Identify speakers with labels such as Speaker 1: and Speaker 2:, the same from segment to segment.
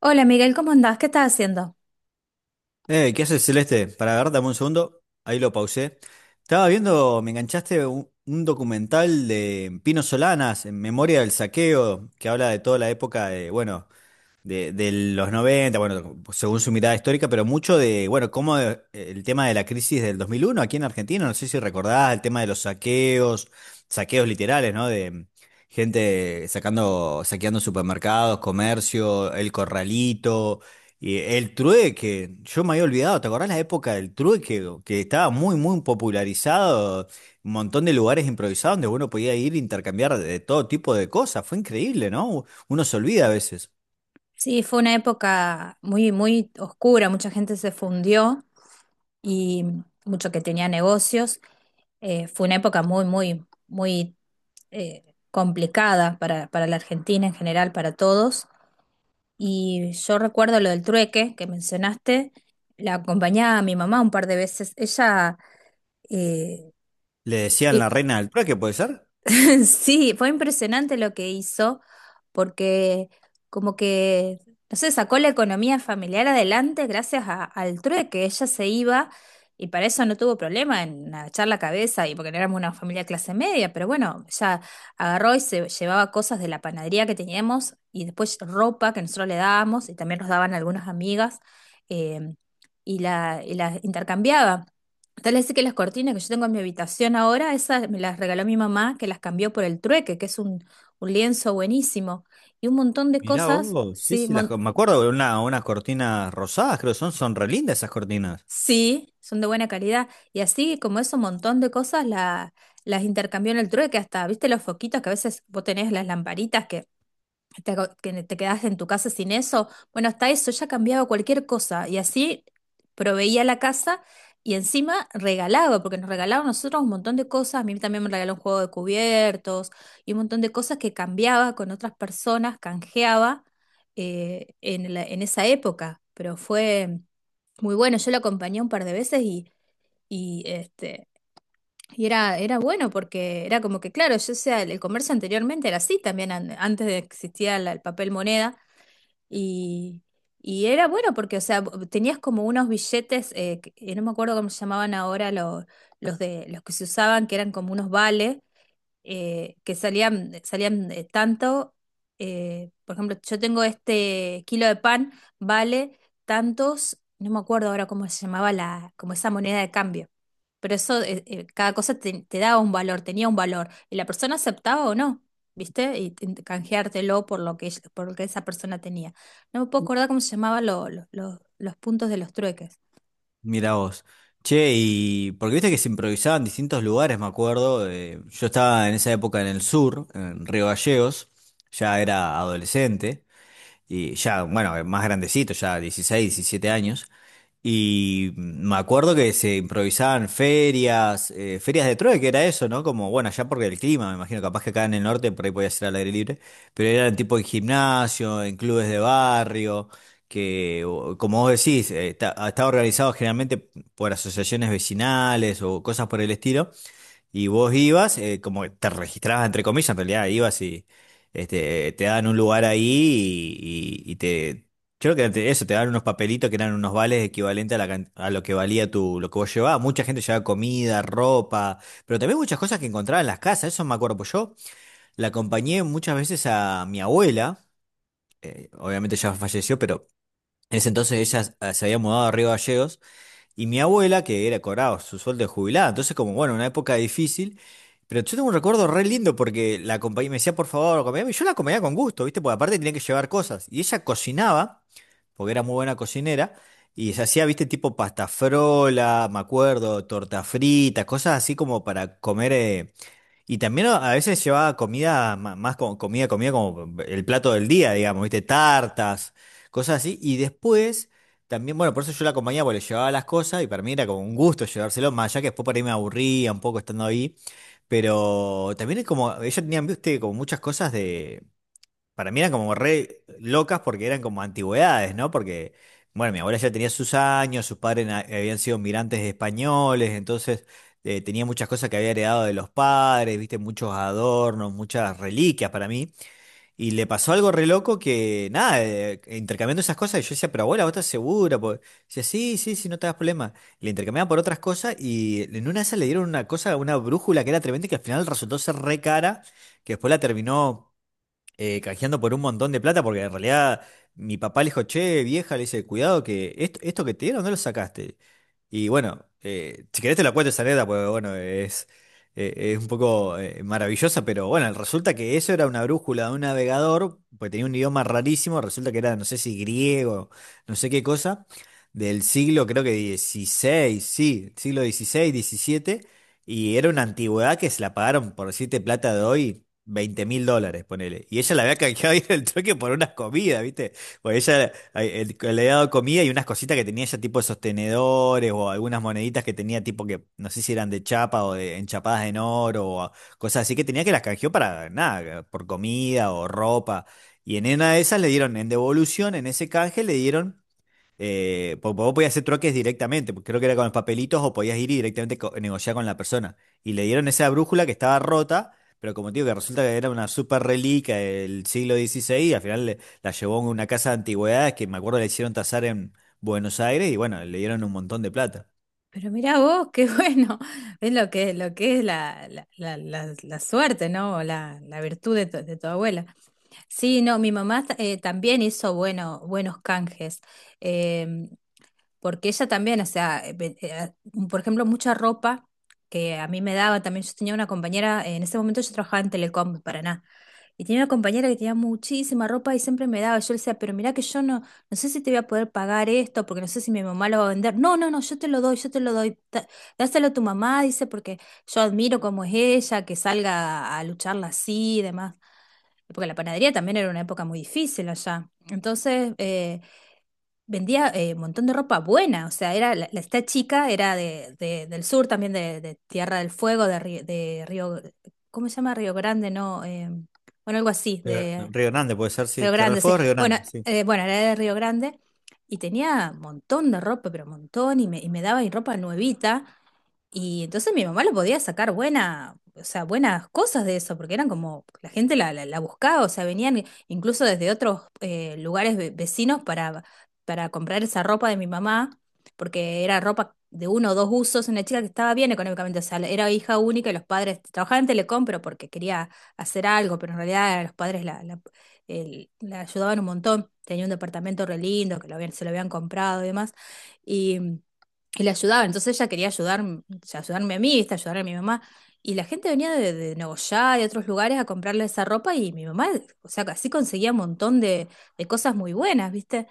Speaker 1: Hola Miguel, ¿cómo andás? ¿Qué estás haciendo?
Speaker 2: ¿Qué haces, Celeste? Para agarrar, dame un segundo. Ahí lo pausé. Estaba viendo, me enganchaste un documental de Pino Solanas, En memoria del saqueo, que habla de toda la época de, bueno, de los noventa, bueno, según su mirada histórica, pero mucho de, bueno, cómo el tema de la crisis del 2001 aquí en Argentina, no sé si recordás el tema de los saqueos, saqueos literales, ¿no? De gente sacando, saqueando supermercados, comercio, el corralito, y el trueque. Yo me había olvidado, ¿te acordás la época del trueque? Que estaba muy, muy popularizado, un montón de lugares improvisados donde uno podía ir a intercambiar de todo tipo de cosas, fue increíble, ¿no? Uno se olvida a veces.
Speaker 1: Sí, fue una época muy, muy oscura, mucha gente se fundió y mucho que tenía negocios. Fue una época muy, muy, muy, complicada para la Argentina en general, para todos. Y yo recuerdo lo del trueque que mencionaste, la acompañaba a mi mamá un par de veces. Eh,
Speaker 2: Le decían la reina del trueque, ¿puede ser?
Speaker 1: Sí, fue impresionante lo que hizo, porque como que, no sé, sacó la economía familiar adelante gracias a- al trueque. Ella se iba y para eso no tuvo problema en agachar la cabeza y porque no éramos una familia clase media, pero bueno, ella agarró y se llevaba cosas de la panadería que teníamos y después ropa que nosotros le dábamos y también nos daban algunas amigas eh, y la intercambiaba. Tal es que las cortinas que yo tengo en mi habitación ahora, esas me las regaló mi mamá, que las cambió por el trueque, que es un lienzo buenísimo. Y un montón de
Speaker 2: Mirá
Speaker 1: cosas,
Speaker 2: vos, sí,
Speaker 1: sí,
Speaker 2: sí, las,
Speaker 1: mon-
Speaker 2: me acuerdo de una, unas cortinas rosadas, creo que son, son re lindas esas cortinas.
Speaker 1: sí, son de buena calidad. Y así como eso, un montón de cosas la- las intercambió en el trueque, hasta, ¿viste los foquitos que a veces vos tenés las lamparitas que te, aco- que te quedas en tu casa sin eso? Bueno, hasta eso ya cambiaba cualquier cosa y así proveía la casa y encima regalaba, porque nos regalaban a nosotros un montón de cosas. A mí también me regaló un juego de cubiertos y un montón de cosas que cambiaba con otras personas, canjeaba en la- en esa época. Pero fue muy bueno. Yo lo acompañé un par de veces y este. Y era, era bueno porque era como que, claro, yo, o sea, el, comercio anteriormente era así también, an- antes de que existía la- el papel moneda, y, y era bueno porque, o sea, vo- tenías como unos billetes, que- no me acuerdo cómo se llamaban ahora los de, los que se usaban, que eran como unos vales, que salían, salían tanto, por ejemplo, yo tengo este kilo de pan, vale tantos, no me acuerdo ahora cómo se llamaba la, como esa moneda de cambio, pero eso, cada cosa te, te daba un valor, tenía un valor, y la persona aceptaba o no, ¿viste? Y te- te- canjeártelo por lo que, ella- por lo que esa persona tenía. No me puedo acordar cómo se llamaban lo- los puntos de los trueques.
Speaker 2: Mirá vos. Che, y porque viste que se improvisaba en distintos lugares, me acuerdo. Yo estaba en esa época en el sur, en Río Gallegos, ya era adolescente, y ya, bueno, más grandecito, ya 16 17 años. Y me acuerdo que se improvisaban ferias, ferias de trueque, era eso, ¿no? Como, bueno, allá porque el clima, me imagino, capaz que acá en el norte por ahí podía ser al aire libre, pero eran tipo en gimnasio, en clubes de barrio, que, como vos decís, estaba organizado generalmente por asociaciones vecinales o cosas por el estilo, y vos ibas, como que te registrabas entre comillas, en realidad ibas y este, te daban un lugar ahí y, y- y te... Creo que eso, te daban unos papelitos que eran unos vales equivalentes a, a lo que valía tu, lo que vos llevabas. Mucha gente llevaba comida, ropa, pero también muchas cosas que encontraba en las casas. Eso me acuerdo, pues yo la acompañé muchas veces a mi abuela, obviamente ya falleció, pero en ese entonces ella se había mudado a Río Gallegos. Y mi abuela, que era cobraba su sueldo de jubilada, entonces como, bueno, una época difícil, pero yo tengo un recuerdo re lindo porque la compañía me decía, por favor, acompáñame, y yo la acompañaba con gusto, ¿viste? Porque aparte tenía que llevar cosas, y ella cocinaba, porque era muy buena cocinera, y se hacía, ¿viste? Tipo pasta frola, me acuerdo, torta frita, cosas así como para comer, y también a veces llevaba comida, más como comida, comida como el plato del día, digamos, ¿viste? Tartas, cosas así. Y después, también, bueno, por eso yo la acompañaba, porque le llevaba las cosas y para mí era como un gusto llevárselo, más allá que después por ahí me aburría un poco estando ahí. Pero también es como, ellos tenían, viste, como muchas cosas para mí eran como re locas porque eran como antigüedades, ¿no? Porque, bueno, mi abuela ya tenía sus años, sus padres habían sido migrantes españoles, entonces tenía muchas cosas que había heredado de los padres, viste, muchos adornos, muchas reliquias para mí. Y le pasó algo re loco que, nada, intercambiando esas cosas, y yo decía, pero abuela, ¿vos estás segura? Porque, decía, sí, sí, sí, no te das problema. Le intercambiaban por otras cosas y en una de esas le dieron una cosa, una brújula que era tremenda y que al final resultó ser re cara, que después la terminó canjeando por un montón de plata, porque en realidad mi papá le dijo, che, vieja, le dice, cuidado que esto que te dieron no lo sacaste. Y bueno, si querés te la cuento esa anécdota, porque bueno, es un poco maravillosa, pero bueno, resulta que eso era una brújula de un navegador, pues tenía un idioma rarísimo, resulta que era, no sé si griego, no sé qué cosa, del siglo, creo que 16, sí, siglo 16 17, y era una antigüedad que se la pagaron, por decirte plata de hoy, 20.000 dólares, ponele. Y ella la había canjeado ahí en el trueque por unas comidas, ¿viste? Porque ella le había dado comida y unas cositas que tenía ella, tipo de sostenedores o algunas moneditas que tenía, tipo que no sé si eran de chapa o de enchapadas en oro o cosas así que tenía, que las canjeó para nada, por comida o ropa. Y en una de esas le dieron, en devolución, en ese canje, le dieron. Vos podías hacer troques directamente, porque creo que era con los papelitos o podías ir y directamente negociar con la persona. Y le dieron esa brújula que estaba rota, pero como te digo, que resulta que era una super reliquia del siglo 16 y al final la llevó a una casa de antigüedades que me acuerdo le hicieron tasar en Buenos Aires y bueno, le dieron un montón de plata.
Speaker 1: Pero mirá vos, qué bueno. Es lo que es la, la, la, la- la suerte, ¿no? O la virtud de tu abuela. Sí, no, mi mamá también hizo bueno, buenos canjes. Em, Porque ella también, o sea, ve- por ejemplo, mucha ropa que a mí me daba también, yo tenía una compañera, en ese momento yo trabajaba en Telecom de Paraná, y tenía una compañera que tenía muchísima ropa y siempre me daba, yo le decía, pero mirá que yo no, no sé si te voy a poder pagar esto, porque no sé si mi mamá lo va a vender, no, no, no, yo te lo doy, yo te lo doy, Da- dáselo a tu mamá, dice, porque yo admiro cómo es ella, que salga a lucharla así y demás, porque la panadería también era una época muy difícil allá, entonces... vendía un montón de ropa buena, o sea, era la- la- esta chica era de- del sur también, de Tierra del Fuego, de, Ri- de Río, ¿cómo se llama? Río Grande, no, bueno, algo así, de
Speaker 2: Río Grande puede ser, sí,
Speaker 1: Río
Speaker 2: Tierra del
Speaker 1: Grande, sí.
Speaker 2: Fuego, Río
Speaker 1: Bueno,
Speaker 2: Grande, sí.
Speaker 1: bueno, era de Río Grande y tenía un montón de ropa, pero un montón, y me daba y ropa nuevita, y entonces mi mamá lo podía sacar buena, o sea, buenas cosas de eso, porque eran como, la gente la, la, la buscaba, o sea, venían incluso desde otros lugares ve- vecinos para comprar esa ropa de mi mamá, porque era ropa de uno o dos usos, una chica que estaba bien económicamente, o sea, era hija única y los padres trabajaban en Telecom, pero porque quería hacer algo, pero en realidad los padres la, la, el- la ayudaban un montón, tenía un departamento re lindo, que lo habían, se lo habían comprado y demás y le ayudaba. Entonces ella quería ayudar, o sea, ayudarme a mí, ¿viste? Ayudar a mi mamá. Y la gente venía de Nogoyá, de otros lugares a comprarle esa ropa y mi mamá, o sea, así conseguía un montón de cosas muy buenas, ¿viste?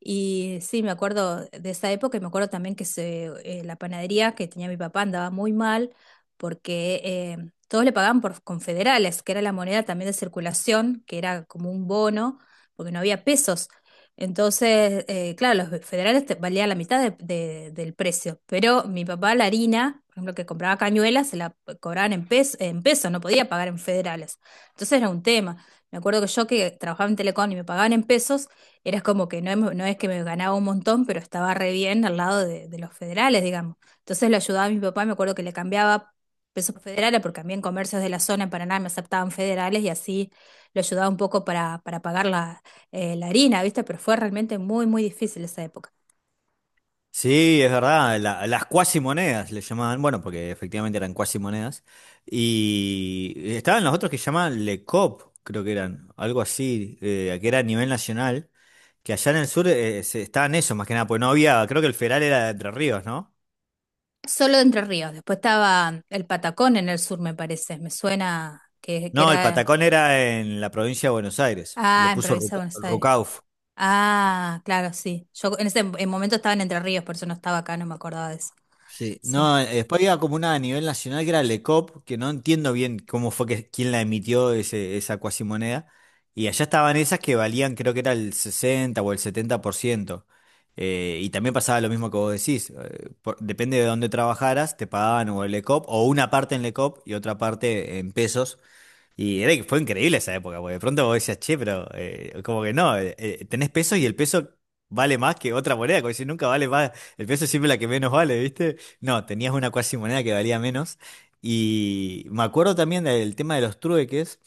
Speaker 1: Y sí, me acuerdo de esa época y me acuerdo también que se, la panadería que tenía mi papá andaba muy mal porque todos le pagaban por confederales, que era la moneda también de circulación, que era como un bono, porque no había pesos. Entonces, claro, los federales te- valían la mitad de- del precio, pero mi papá la harina, por ejemplo, que compraba cañuelas, se la cobraban en pesos, no podía pagar en federales. Entonces era un tema. Me acuerdo que yo que trabajaba en Telecom y me pagaban en pesos, era como que no, em- no es que me ganaba un montón, pero estaba re bien al lado de los federales, digamos. Entonces lo ayudaba a mi papá, me acuerdo que le cambiaba pesos federales, porque a mí en comercios de la zona en Paraná me aceptaban federales y así lo ayudaba un poco para pagar la, la harina, ¿viste? Pero fue realmente muy, muy difícil esa época.
Speaker 2: Sí, es verdad, las cuasimonedas le llamaban, bueno, porque efectivamente eran cuasimonedas, y estaban los otros que llamaban Le Cop, creo que eran, algo así, que era a nivel nacional, que allá en el sur estaban esos más que nada, pues no había, creo que el federal era de Entre Ríos, ¿no?
Speaker 1: Solo de Entre Ríos, después estaba el Patacón en el sur, me parece, me suena que
Speaker 2: No, el
Speaker 1: era...
Speaker 2: Patacón era en la provincia de Buenos Aires,
Speaker 1: Ah,
Speaker 2: lo
Speaker 1: en
Speaker 2: puso
Speaker 1: Provincia de Buenos Aires.
Speaker 2: Rucauf.
Speaker 1: Ah, claro, sí. Yo en ese en momento estaba en Entre Ríos, por eso no estaba acá, no me acordaba de eso.
Speaker 2: Sí,
Speaker 1: Sí.
Speaker 2: no, después había como una a nivel nacional que era LECOP, que no entiendo bien cómo fue que quién la emitió ese, esa cuasimoneda. Y allá estaban esas que valían, creo que era el 60 o el 70%. Y también pasaba lo mismo que vos decís. Depende de dónde trabajaras, te pagaban o el LECOP, o una parte en LECOP y otra parte en pesos. Y era, fue increíble esa época, porque de pronto vos decías, che, pero como que no, tenés pesos y el peso vale más que otra moneda, como si nunca vale más, el peso es siempre la que menos vale, ¿viste? No, tenías una cuasi moneda que valía menos. Y me acuerdo también del tema de los trueques,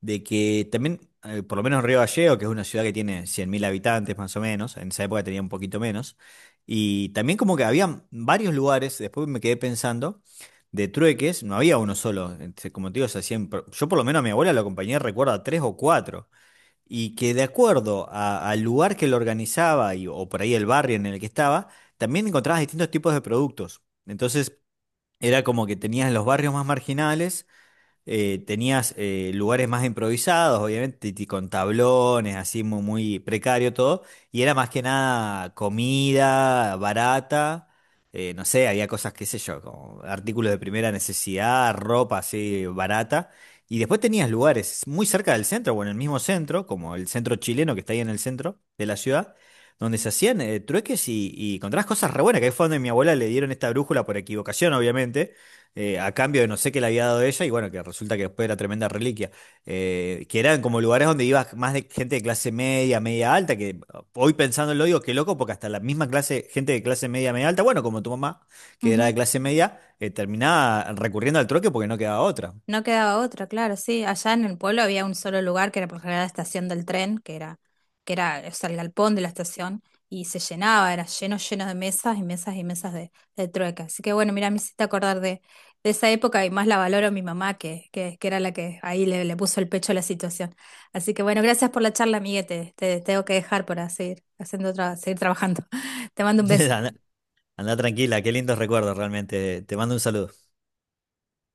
Speaker 2: de que también, por lo menos Río Gallegos, que es una ciudad que tiene 100.000 habitantes más o menos, en esa época tenía un poquito menos, y también como que había varios lugares, después me quedé pensando de trueques, no había uno solo. Este, como te digo, se hacían. Yo, por lo menos, a mi abuela la acompañé, recuerdo, a tres o cuatro. Y que de acuerdo al lugar que lo organizaba y, o por ahí el barrio en el que estaba, también encontrabas distintos tipos de productos. Entonces, era como que tenías los barrios más marginales tenías lugares más improvisados, obviamente, y con tablones, así muy, muy precario todo, y era más que nada comida barata, no sé, había cosas, qué sé yo, como artículos de primera necesidad, ropa así barata, y después tenías lugares muy cerca del centro, o en el mismo centro, como el centro chileno que está ahí en el centro de la ciudad, donde se hacían trueques y encontrabas cosas re buenas, que ahí fue donde mi abuela le dieron esta brújula por equivocación, obviamente a cambio de no sé qué le había dado ella, y bueno, que resulta que después era tremenda reliquia, que eran como lugares donde iba más de gente de clase media, media alta, que hoy pensándolo digo, qué loco, porque hasta la misma clase, gente de clase media, media alta, bueno, como tu mamá, que era
Speaker 1: Ujú.
Speaker 2: de clase media, terminaba recurriendo al troque porque no quedaba otra.
Speaker 1: No quedaba otra, claro, sí. Allá en el pueblo había un solo lugar que era por lo general la estación del tren, que era, o sea, el galpón de la estación, y se llenaba, era lleno, lleno de mesas y mesas y mesas de trueca. Así que bueno, mira, me hiciste acordar de esa época y más la valoro a mi mamá, que era la que ahí le, le puso el pecho a la situación. Así que bueno, gracias por la charla, amiguete. Te tengo que dejar para seguir haciendo otra, seguir trabajando. Te mando un beso.
Speaker 2: Andá, andá tranquila, qué lindos recuerdos realmente, te mando un saludo.